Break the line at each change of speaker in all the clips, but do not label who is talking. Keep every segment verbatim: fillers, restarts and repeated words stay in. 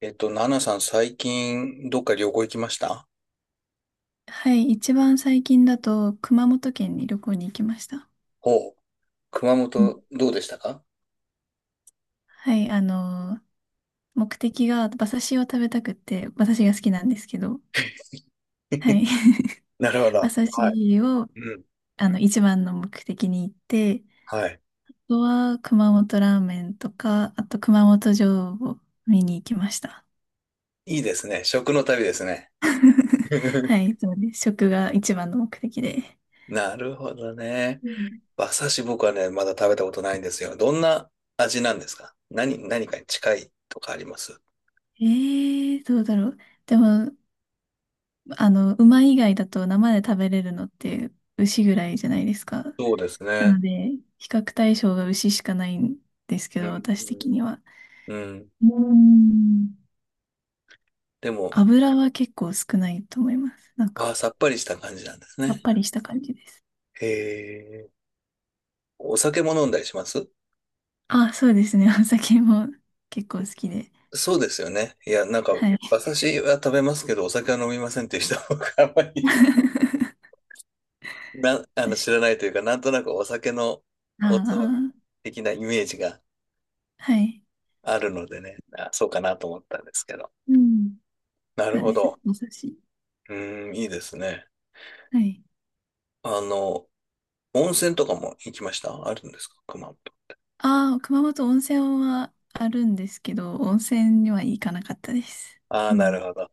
えっと、ナナさん、最近、どっか旅行行きました
はい、一番最近だと熊本県に旅行に行きました。
ほう。熊
う
本、
ん。
どうでしたか
はい、あの目的が馬刺しを食べたくって、馬刺しが好きなんですけど、はい。
なるほ ど。
馬刺
はい。
しを、
うん。
あの、一番の目的に行って、
はい。
あとは熊本ラーメンとか、あと熊本城を見に行きました。
いいですね。食の旅ですね。
はい、そうです。食が一番の目的で。
なるほどね。
うん。
馬刺し僕はね、まだ食べたことないんですよ。どんな味なんですか何、何かに近いとかあります
えー、どうだろう。でも、あの、馬以外だと生で食べれるのって牛ぐらいじゃないですか。
そうです
な
ね。
ので、比較対象が牛しかないんですけ
う
ど、私的
ん。
には。
うん。
うーん
でも、
油は結構少ないと思います。なんか、
あー、さっぱりした感じなんです
さっ
ね。
ぱりした感じです。
へえ。お酒も飲んだりします
あ、そうですね。お酒も結構好きで。
そうですよね。いや、なんか、
はい。
私は食べますけど、お酒は飲みませんっていう人僕あんまり な、あ
確
の、
か。
知らないというか、なんとなくお酒のお
あ
つまみ的なイメージが
あ、はい。
あるのでね、あ、そうかなと思ったんですけど。
うん。
な
そ
る
う
ほ
です。
ど。
お寿司。
うーん、いいですね。
はい。
あの、温泉とかも行きましたあるんですか熊本。
ああ、熊本温泉はあるんですけど、温泉には行かなかったです。
ああ、
う
なる
ん。
ほど。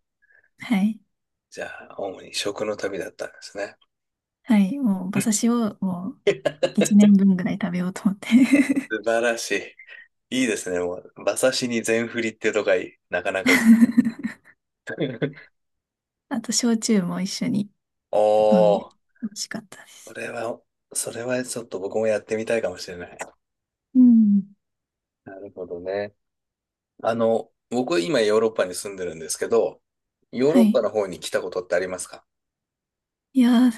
はい。
じゃあ、主に食の旅だったんですね。
はい。もう、
う
馬
ん
刺しをもう、一年 分ぐらい食べようと思って。
素晴らしい。いいですね。バサシに全振りってとかいなかなかいい。
あと、焼酎も一緒に飲んで、
おー。
美味しかったで
そ
す。
れは、それはちょっと僕もやってみたいかもしれない。
うん。
なるほどね。あの、僕今ヨーロッパに住んでるんですけど、ヨー
は
ロッパ
い。
の方に来たことってありますか
いやー、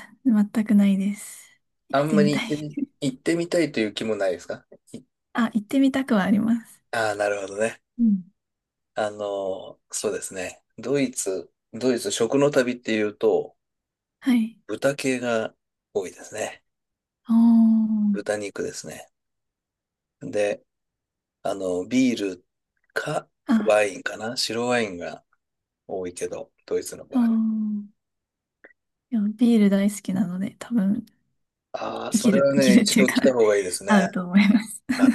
全くないです。行
あ
っ
ん
て
ま
み
り
た
行っ
い。
てみ、行ってみたいという気もないですかい
あ、行ってみたくはあります。
ああ、なるほどね。
うん。
あの、そうですね。ドイツ、ドイツ食の旅っていうと、
はい。
豚系が多いですね。
おー。
豚肉ですね。で、あの、ビールか
あ、
ワインかな白ワインが多いけど、ドイツの
お
場合。
ー。いや、ビール大好きなので、多分、
ああ、
生
そ
き
れ
る、
は
生き
ね、
るっ
一
ていう
度
か
来た 方がいいですね。
合うと思います。
あ、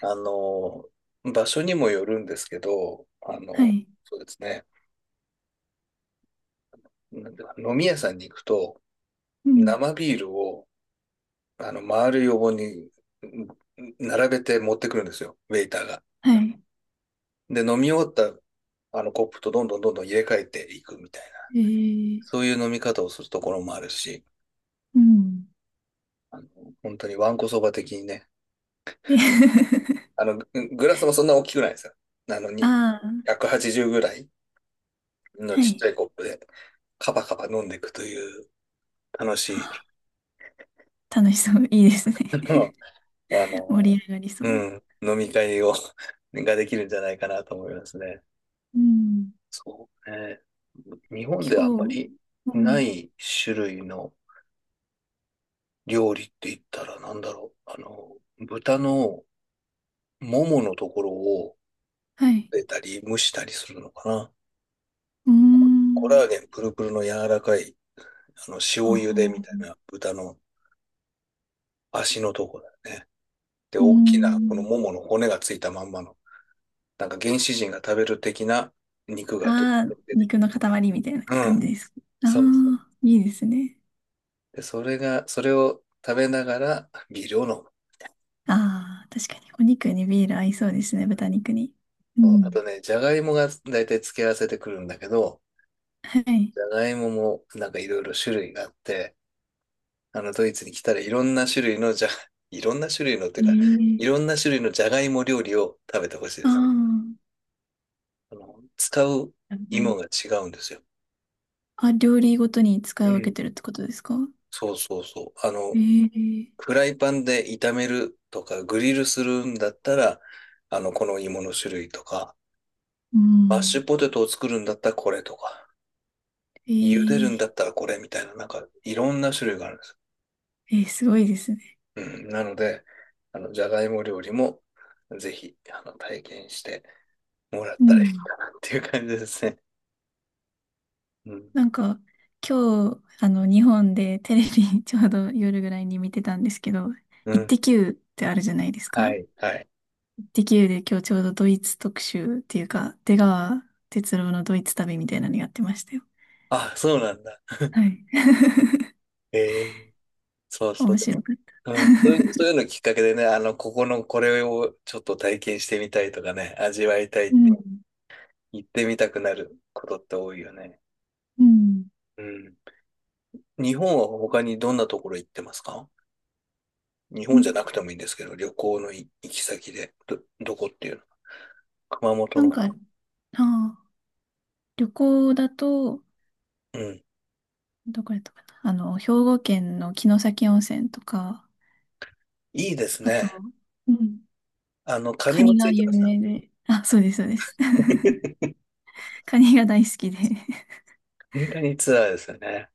あの、場所にもよるんですけど、あ
は
の、
い。
そうですね。なんだ飲み屋さんに行くと、
うん。
生ビールを、あの、丸い横にうん並べて持ってくるんですよ、ウェイターが。
はい。
で、飲み終わった、あの、コップとどんどんどんどん入れ替えていくみたいな、
えー、
そういう飲み方をするところもあるし、
うん。
あの、本当にわんこそば的にね、あの、ググラスもそんな大きくないですよ。あの、に
ああー、
ひゃくはちじゅうぐらい。の
は
ちっちゃ
い。
いコップでカバカバ飲んでいくという楽
あ、
しい、
楽しそう。いいですね。
あの、あ
盛
の
り上がりそ
う
う。
ん、飲み会を ができるんじゃないかなと思いますね。
うん。
そうね。日本であんま
今日、
り
う
な
ん、
い種類の料理って言ったらなんだろう。あの、豚のもものところを
はい。
出たり蒸したりするのかな。
うー
コラ
ん。
ーゲンプルプルの柔らかい、あの、塩
あ
茹でみた
あ、
いな豚の足のとこだよね。で、
うー
大きな、この
ん。
ももの骨がついたまんまの、なんか原始人が食べる的な肉がどっ
あ
と
あ、
出て
肉
くる。
の塊みたいな
う
感
ん。
じです。あ
そうそう。
あ、いいですね。
で、それが、それを食べながらビールを飲む。
ああ、確かにお肉にビール合いそうですね、
う
豚
ん
肉に。う
そうあ
ん。
とね、じゃがいもが大体付け合わせてくるんだけど、
はい。
じゃがいももなんかいろいろ種類があって、あのドイツに来たらいろんな種類のじゃ、いろんな種類のってい
え
うか、い
え。
ろんな種類のじゃがいも料理を食べてほしいで
あ
す。
あ、
あの、使う
なるほど
芋
ね。
が違うんですよ。
あ、料理ごとに使い
う
分け
ん。
てるってことですか？
そうそうそう。あの、
ええ。
フライパンで炒めるとか、グリルするんだったら、あの、この芋の種類とか、
う
マッシ
ん。
ュポテトを作るんだったらこれとか、
え
茹でるん
え。
だったらこれみたいな、なんかいろんな種類があるんです。
えーすごいですね。
うん。なので、あの、じゃがいも料理もぜひ、あの、体験してもらっ
う
たらいい
ん。
かなっていう感じですね。うん。
なんか、今日、あの、日本でテレビ ちょうど夜ぐらいに見てたんですけど、
う
イッ
ん。
テ Q ってあるじゃないです
は
か。
い。はい。
イッテ Q で今日ちょうどドイツ特集っていうか、出川哲朗のドイツ旅みたいなのやってましたよ。
あ、そうなんだ。
はい。
ええそうそ
面
う。
白かった。
うん、そういうそうい うのきっかけでね、あの、ここのこれをちょっと体験してみたいとかね、味わいた
う
い
ん。
行ってみたくなることって多いよね。
うん。
うん。日本は他にどんなところ行ってますか日
う
本
ん。
じゃなくてもいいんですけど、旅行の行き先で、ど、どこっていうの熊本
なん
の。
か、ああ、旅行だと、
うん。
どこやったかな。あの、兵庫県の城崎温泉とか、
いいです
あと、
ね。
うん、
あの、カ
カ
ニも
ニ
つ
が
いてま
有
した。
名で。あ、そうです、そうです。カニが大好きで。
カニカニツアーですよね。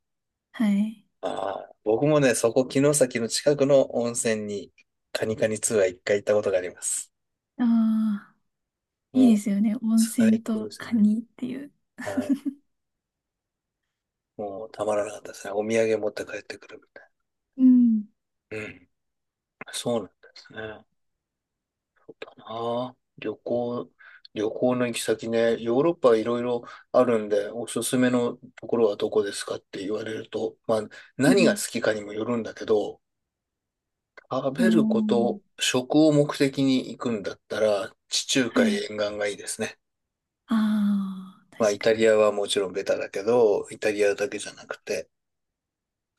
はい。
ああ、僕もね、そこ、城崎の近くの温泉に、カニカニツアー一回行ったことがあります。
ああ、いい
も
で
う、
すよね。温
最
泉
高
と
です
カ
ね。
ニっていう。
はい。もう、たまらなかったですね。お土産持って帰ってくるみたい
うん。
な。うん。そうなんですね。ああ、旅行、旅行の行き先ね、ヨーロッパいろいろあるんで、おすすめのところはどこですかって言われると、まあ、
う
何が好
ん。
きかにもよるんだけど、食
お
べるこ
ー、
と、食を目的に行くんだったら、地中
は
海沿
い。
岸がいいですね。
ああ、
まあ、
確
イ
か
タ
に。
リアはもちろんベタだけど、イタリアだけじゃなくて、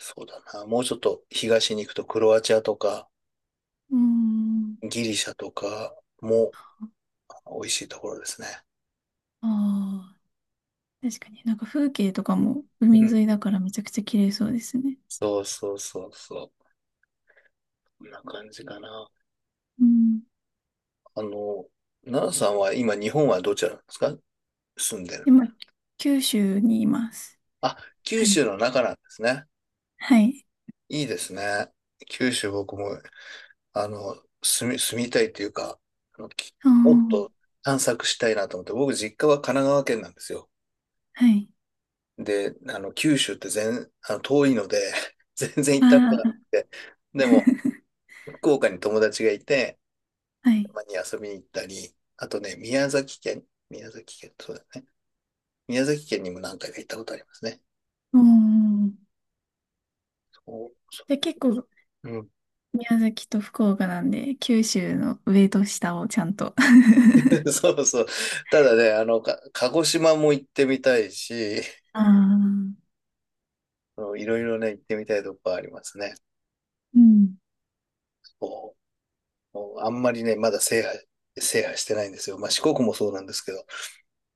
そうだな、もうちょっと東に行くとクロアチアとか、
うん。
ギリシャとかも美味しいところですね。
ああ、確かに。なんか風景とかも
う
海
ん。
沿いだからめちゃくちゃ綺麗そうですね。
そうそうそうそう。こんな感じかな。
うん。
あの、奈良さんは今日本はどちらなんですか住んでるの。
今、九州にいます。
あ、九
はい。
州の中なんですね。
はい。
いいですね。九州僕も、あの、住み、住みたいっていうか、あの、き
あ
もっと
あ、
探索したいなと思って、僕実家は神奈川県なんですよ。
はい。
で、あの、九州って全、あの、遠いので、全然行ったこと
あ
がなく
あ、
て、でも、福岡に友達がいて、
は
た
い。
まに遊びに行ったり、あとね、宮崎県、宮崎県、そうだね。宮崎県にも何回か行ったことありますね。
うん。
そう
で、結構、
うん
宮崎と福岡なんで、九州の上と下をちゃんと。
そうそう。ただね、あの、か鹿児島も行ってみたいし、
ああ、
いろいろね、行ってみたいとこありますね。
うん。
そうもうあんまりね、まだ制覇、制覇してないんですよ。まあ、四国もそうなんですけど、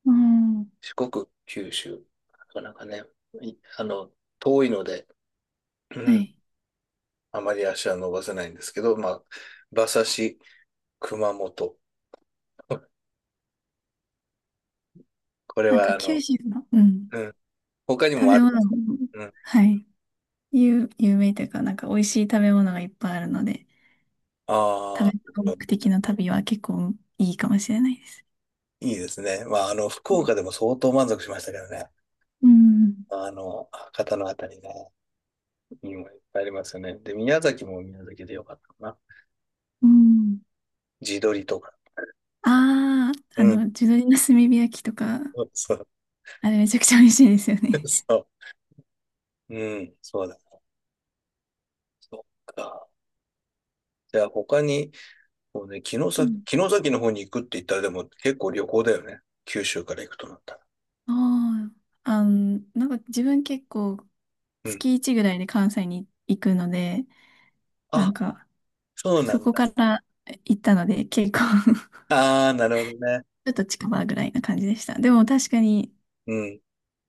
うん。
四国、九州、なかなかね、あの、遠いので、う
は
ん
い。
あまり足は伸ばせないんですけど、まあ、馬刺し、熊本。これ
なんか
は、あ
九
の、
州の、うん。
うん、他に
食
もあ
べ
りま
物
す。
も、
うん
はい。有、有名というか、なんか美味しい食べ物がいっぱいあるので、
あ
食
あ、
べ物目的の旅は結構いいかもしれないです。
いいですね。まあ、あの、福
う
岡でも相当満足しましたけどね。
ん。
まあの、博多のあたりね、いいもんいっぱいありますよね。で、宮崎も宮崎でよかったかな。
うん。
地鶏とか。
ああー、
う
あ
ん。
の、地鶏の炭火焼きとか、
そう。
あれめちゃくちゃ美味しいですよね。
そう。うん。そうだ。そっか。じゃあ、他に、こうね、城
う
崎、
ん。
城崎の方に行くって言ったら、でも結構旅行だよね。九州から行くとなったら。
ああ、あの、なんか自分結構
うん。
月いちぐらいで関西に行くので、な
あ、
んか
そうな
そ
んだ。
こから行ったので結構
ああ、なるほどね。
ちょっと近場ぐらいな感じでした。でも確かに
うん。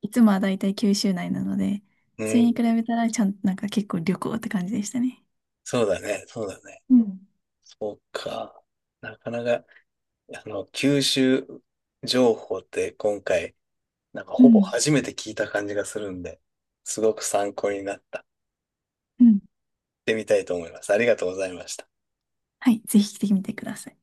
いつもはだいたい九州内なので、
う
それ
ん。
に比べたらちゃん、なんか結構旅行って感じでしたね。
そうだね。そうだね。
うん。
そうか。なかなか。あの、吸収情報って今回、なんか
う
ほぼ
ん、
初めて聞いた感じがするんで、すごく参考になった。や
うん。
ってみたいと思います。ありがとうございました。
はい、ぜひ来てみてください。